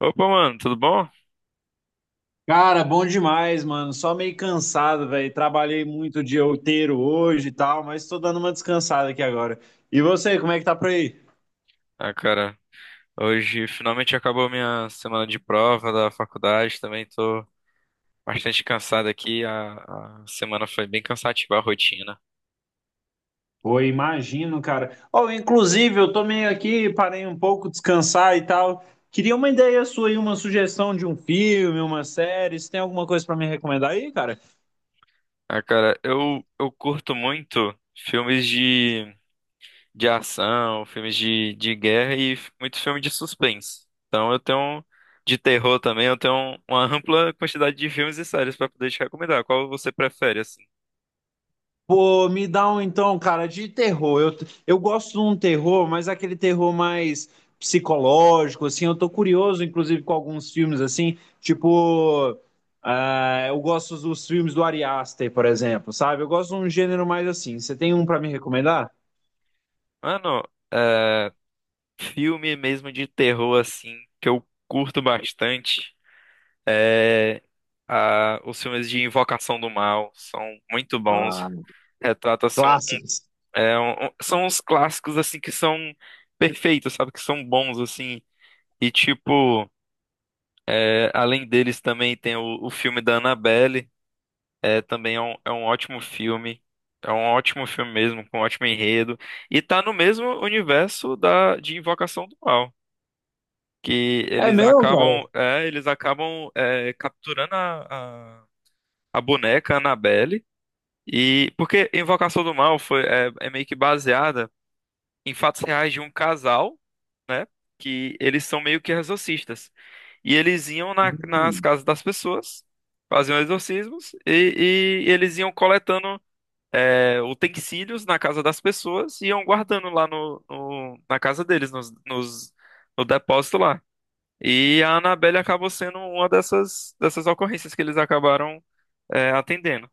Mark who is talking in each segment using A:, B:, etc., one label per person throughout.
A: Opa, mano, tudo bom?
B: Cara, bom demais, mano. Só meio cansado, velho. Trabalhei muito o dia inteiro hoje e tal, mas tô dando uma descansada aqui agora. E você, como é que tá por aí?
A: Ah, cara, hoje finalmente acabou minha semana de prova da faculdade, também tô bastante cansado aqui, a semana foi bem cansativa a rotina.
B: Pô, imagino, cara. Oh, inclusive, eu tô meio aqui, parei um pouco, descansar e tal. Queria uma ideia sua aí, uma sugestão de um filme, uma série. Você tem alguma coisa pra me recomendar aí, cara?
A: Ah, cara, eu curto muito filmes de ação, filmes de guerra e muito filme de suspense. Então eu tenho, de terror também, eu tenho uma ampla quantidade de filmes e séries pra poder te recomendar. Qual você prefere, assim?
B: Pô, me dá um então, cara, de terror. Eu gosto de um terror, mas é aquele terror mais psicológico, assim. Eu tô curioso, inclusive, com alguns filmes, assim, tipo. Ah, eu gosto dos filmes do Ari Aster, por exemplo, sabe? Eu gosto de um gênero mais assim. Você tem um pra me recomendar?
A: Mano, filme mesmo de terror, assim, que eu curto bastante é os filmes de Invocação do Mal. São muito bons.
B: Ah,
A: Retrata, assim, um-
B: clássicos.
A: é são uns clássicos, assim, que são perfeitos, sabe? Que são bons, assim. E, tipo, é, além deles também tem o filme da Annabelle. É, também é um ótimo filme. É um ótimo filme mesmo, com um ótimo enredo. E tá no mesmo universo de Invocação do Mal, que
B: É meu, cara?
A: eles acabam é, capturando a boneca Annabelle. E porque Invocação do Mal foi é, é meio que baseada em fatos reais de um casal, né? Que eles são meio que exorcistas e eles iam nas
B: Hum.
A: casas das pessoas, faziam exorcismos e eles iam coletando é, utensílios na casa das pessoas e iam guardando lá na casa deles, no depósito lá. E a Annabelle acabou sendo uma dessas ocorrências que eles acabaram é, atendendo.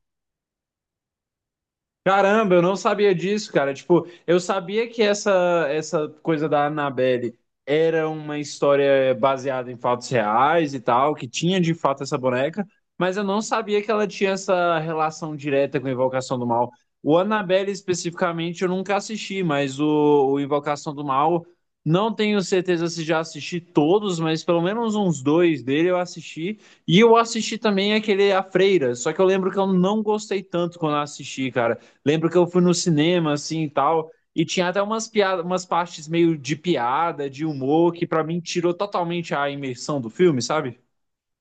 B: Caramba, eu não sabia disso, cara. Tipo, eu sabia que essa coisa da Annabelle era uma história baseada em fatos reais e tal, que tinha de fato essa boneca, mas eu não sabia que ela tinha essa relação direta com a Invocação do Mal. O Annabelle especificamente eu nunca assisti, mas o Invocação do Mal, não tenho certeza se já assisti todos, mas pelo menos uns dois dele eu assisti. E eu assisti também aquele A Freira, só que eu lembro que eu não gostei tanto quando eu assisti, cara. Lembro que eu fui no cinema, assim, e tal, e tinha até umas piadas, umas partes meio de piada, de humor, que pra mim tirou totalmente a imersão do filme, sabe?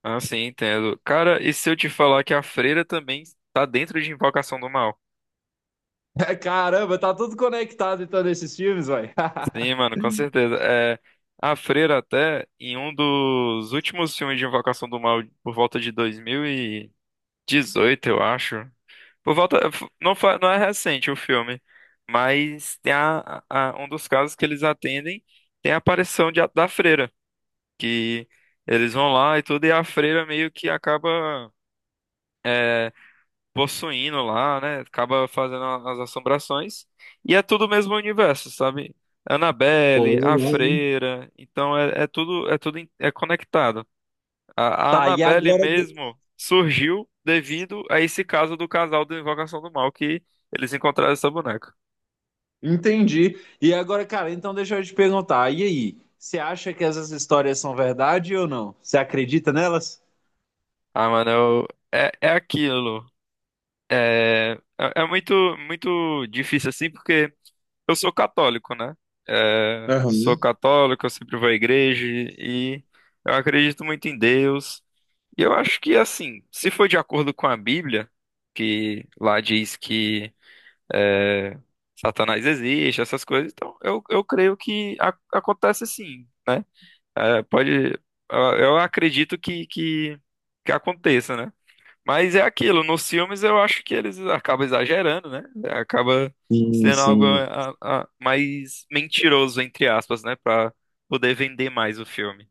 A: Ah, sim, entendo. Cara, e se eu te falar que a freira também tá dentro de Invocação do Mal?
B: Caramba, tá tudo conectado então nesses filmes, vai.
A: Sim, mano, com certeza. É, a freira até, em um dos últimos filmes de Invocação do Mal, por volta de 2018, eu acho. Por volta, não, não é recente o filme, mas tem um dos casos que eles atendem tem a aparição da freira, que eles vão lá e tudo, e a freira meio que acaba é, possuindo lá, né? Acaba fazendo as assombrações. E é tudo o mesmo universo, sabe?
B: Pô,
A: Annabelle, a
B: legal, hein?
A: freira, então é, é tudo é tudo é conectado. A
B: Tá, e
A: Annabelle
B: agora.
A: mesmo surgiu devido a esse caso do casal do Invocação do Mal que eles encontraram essa boneca.
B: Entendi. E agora, cara, então deixa eu te perguntar. E aí? Você acha que essas histórias são verdade ou não? Você acredita nelas?
A: Ah, mano, é, é aquilo. É, é muito muito difícil assim porque eu sou católico, né? É, eu
B: Aham.
A: sou católico, eu sempre vou à igreja e eu acredito muito em Deus. E eu acho que, assim, se for de acordo com a Bíblia, que lá diz que é, Satanás existe, essas coisas, então eu creio que acontece sim, né? É, pode, eu acredito que aconteça, né? Mas é aquilo, nos filmes eu acho que eles acabam exagerando, né? Acaba
B: Sim,
A: sendo algo eh,
B: sim.
A: mais mentiroso, entre aspas, né? Pra poder vender mais o filme.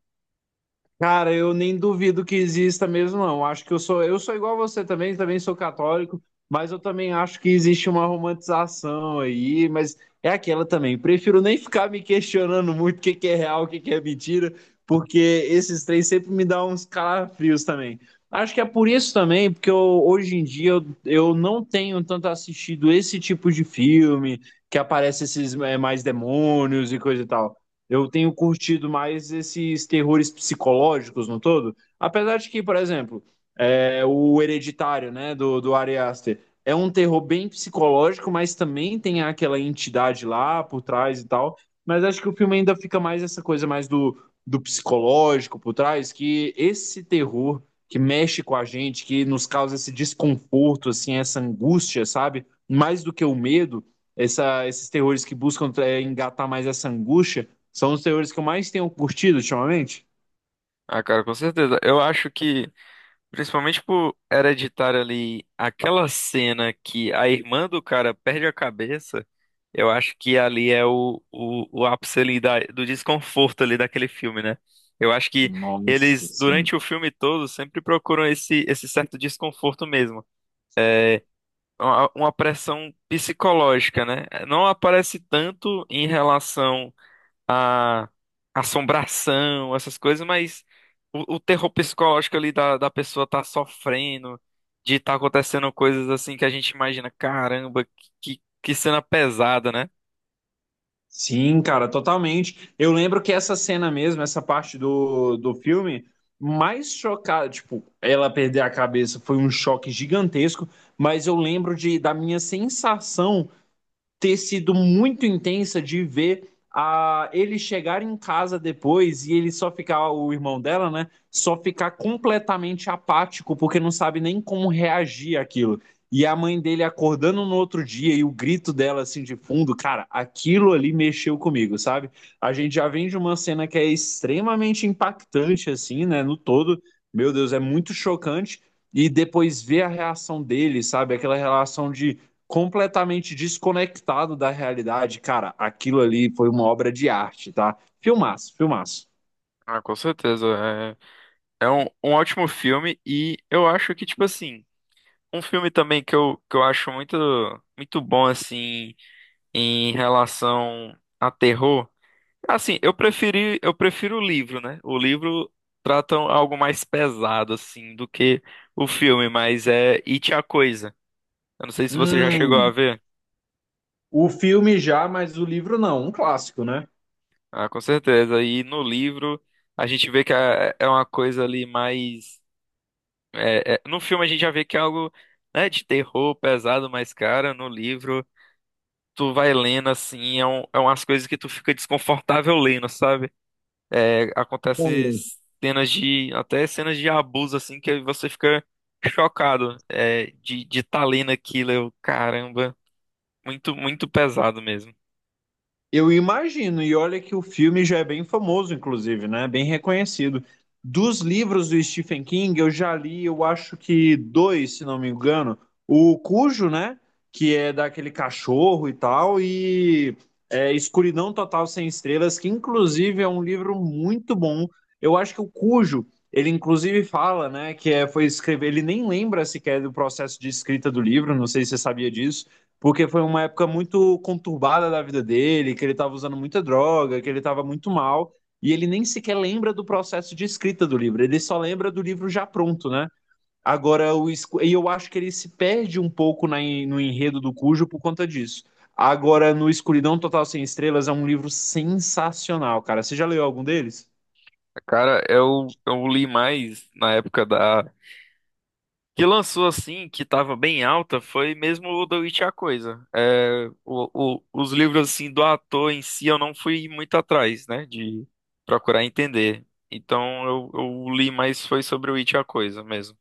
B: Cara, eu nem duvido que exista mesmo, não. Acho que eu sou igual você também, também sou católico, mas eu também acho que existe uma romantização aí, mas é aquela também. Prefiro nem ficar me questionando muito o que que é real, o que que é mentira, porque esses três sempre me dão uns calafrios também. Acho que é por isso também, porque eu, hoje em dia eu não tenho tanto assistido esse tipo de filme que aparece esses mais demônios e coisa e tal. Eu tenho curtido mais esses terrores psicológicos no todo. Apesar de que, por exemplo, é, o Hereditário, né, do Ari Aster, é um terror bem psicológico, mas também tem aquela entidade lá por trás e tal. Mas acho que o filme ainda fica mais essa coisa mais do, do psicológico por trás, que esse terror que mexe com a gente, que nos causa esse desconforto, assim, essa angústia, sabe? Mais do que o medo, essa, esses terrores que buscam engatar mais essa angústia, são os teores que eu mais tenho curtido ultimamente?
A: Ah, cara, com certeza. Eu acho que, principalmente por Hereditário ali, aquela cena que a irmã do cara perde a cabeça, eu acho que ali é o ápice ali do desconforto ali daquele filme, né? Eu acho que
B: Nossa,
A: eles,
B: sim.
A: durante o filme todo, sempre procuram esse certo desconforto mesmo, uma pressão psicológica, né? Não aparece tanto em relação à assombração, essas coisas, mas o terror psicológico ali da pessoa tá sofrendo, de tá acontecendo coisas assim que a gente imagina, caramba, que cena pesada, né?
B: Sim, cara, totalmente. Eu lembro que essa cena mesmo, essa parte do filme, mais chocada, tipo, ela perder a cabeça foi um choque gigantesco, mas eu lembro de, da minha sensação ter sido muito intensa de ver a ele chegar em casa depois e ele só ficar, o irmão dela, né? Só ficar completamente apático, porque não sabe nem como reagir àquilo. E a mãe dele acordando no outro dia e o grito dela assim de fundo, cara, aquilo ali mexeu comigo, sabe? A gente já vem de uma cena que é extremamente impactante, assim, né? No todo, meu Deus, é muito chocante. E depois ver a reação dele, sabe? Aquela relação de completamente desconectado da realidade. Cara, aquilo ali foi uma obra de arte, tá? Filmaço, filmaço.
A: Ah, com certeza. É, é um, um ótimo filme e eu acho que, tipo assim, um filme também que eu acho muito, muito bom, assim, em relação a terror. Assim, eu preferi, eu prefiro o livro, né? O livro trata um, algo mais pesado, assim, do que o filme, mas é It a Coisa. Eu não sei se você já chegou a
B: Hum,
A: ver.
B: o filme já, mas o livro não, um clássico, né?
A: Ah, com certeza. E no livro a gente vê que é uma coisa ali mais. No filme a gente já vê que é algo, né, de terror pesado, mas, cara, no livro tu vai lendo assim, é, um, é umas coisas que tu fica desconfortável lendo, sabe? É, acontece cenas de, até cenas de abuso, assim, que você fica chocado, é, de tá lendo aquilo, eu, caramba, muito, muito pesado mesmo.
B: Eu imagino, e olha que o filme já é bem famoso, inclusive, né? Bem reconhecido. Dos livros do Stephen King, eu já li, eu acho que dois, se não me engano. O Cujo, né? Que é daquele cachorro e tal, e é, Escuridão Total Sem Estrelas, que inclusive é um livro muito bom. Eu acho que o Cujo, ele inclusive fala, né? Que é, foi escrever, ele nem lembra sequer do processo de escrita do livro, não sei se você sabia disso porque foi uma época muito conturbada da vida dele, que ele estava usando muita droga, que ele estava muito mal, e ele nem sequer lembra do processo de escrita do livro, ele só lembra do livro já pronto, né? Agora, o, e eu acho que ele se perde um pouco na, no enredo do Cujo por conta disso. Agora, no Escuridão Total Sem Estrelas é um livro sensacional, cara. Você já leu algum deles?
A: Cara, eu li mais na época da, que lançou assim, que tava bem alta, foi mesmo o The Witch e a Coisa. É, os livros, assim, do ator em si, eu não fui muito atrás, né, de procurar entender. Então, eu li mais foi sobre o It e a Coisa mesmo.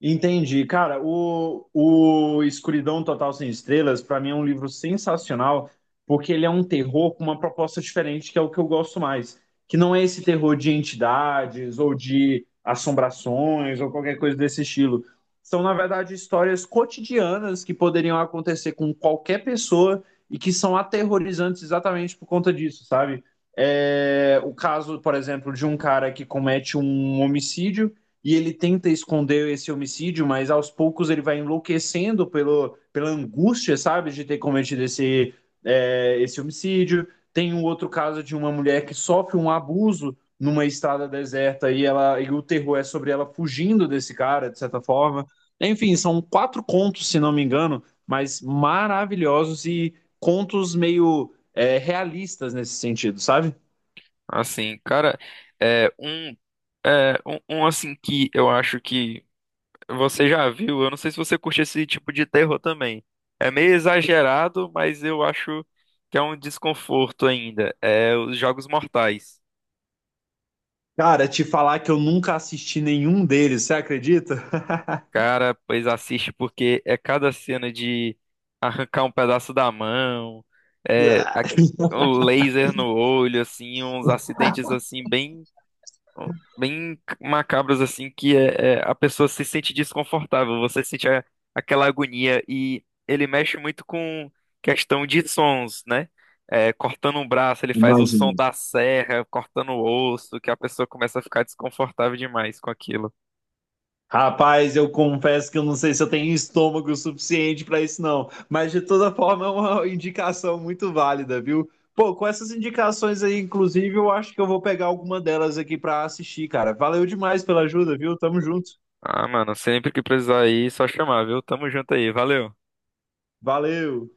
B: Entendi. Cara, o Escuridão Total Sem Estrelas, pra mim, é um livro sensacional, porque ele é um terror com uma proposta diferente, que é o que eu gosto mais. Que não é esse terror de entidades ou de assombrações ou qualquer coisa desse estilo. São, na verdade, histórias cotidianas que poderiam acontecer com qualquer pessoa e que são aterrorizantes exatamente por conta disso, sabe? É, o caso, por exemplo, de um cara que comete um homicídio e ele tenta esconder esse homicídio, mas aos poucos ele vai enlouquecendo pelo, pela angústia, sabe, de ter cometido esse, é, esse homicídio. Tem um outro caso de uma mulher que sofre um abuso numa estrada deserta e ela e o terror é sobre ela fugindo desse cara, de certa forma. Enfim, são quatro contos, se não me engano, mas maravilhosos e contos meio é, realistas nesse sentido, sabe?
A: Assim, cara, é um, é um, um, assim que eu acho que você já viu. Eu não sei se você curte esse tipo de terror também. É meio exagerado, mas eu acho que é um desconforto ainda. É os Jogos Mortais.
B: Cara, te falar que eu nunca assisti nenhum deles, você acredita?
A: Cara, pois assiste porque é cada cena de arrancar um pedaço da mão, é o laser no olho, assim, uns acidentes assim bem bem macabros assim que é, a pessoa se sente desconfortável, você sente aquela agonia e ele mexe muito com questão de sons, né? É, cortando um braço, ele faz o som
B: Imagina.
A: da serra, cortando o osso, que a pessoa começa a ficar desconfortável demais com aquilo.
B: Rapaz, eu confesso que eu não sei se eu tenho estômago suficiente para isso, não. Mas de toda forma é uma indicação muito válida, viu? Pô, com essas indicações aí, inclusive, eu acho que eu vou pegar alguma delas aqui para assistir, cara. Valeu demais pela ajuda, viu? Tamo junto.
A: Ah, mano, sempre que precisar aí, só chamar, viu? Tamo junto aí, valeu.
B: Valeu.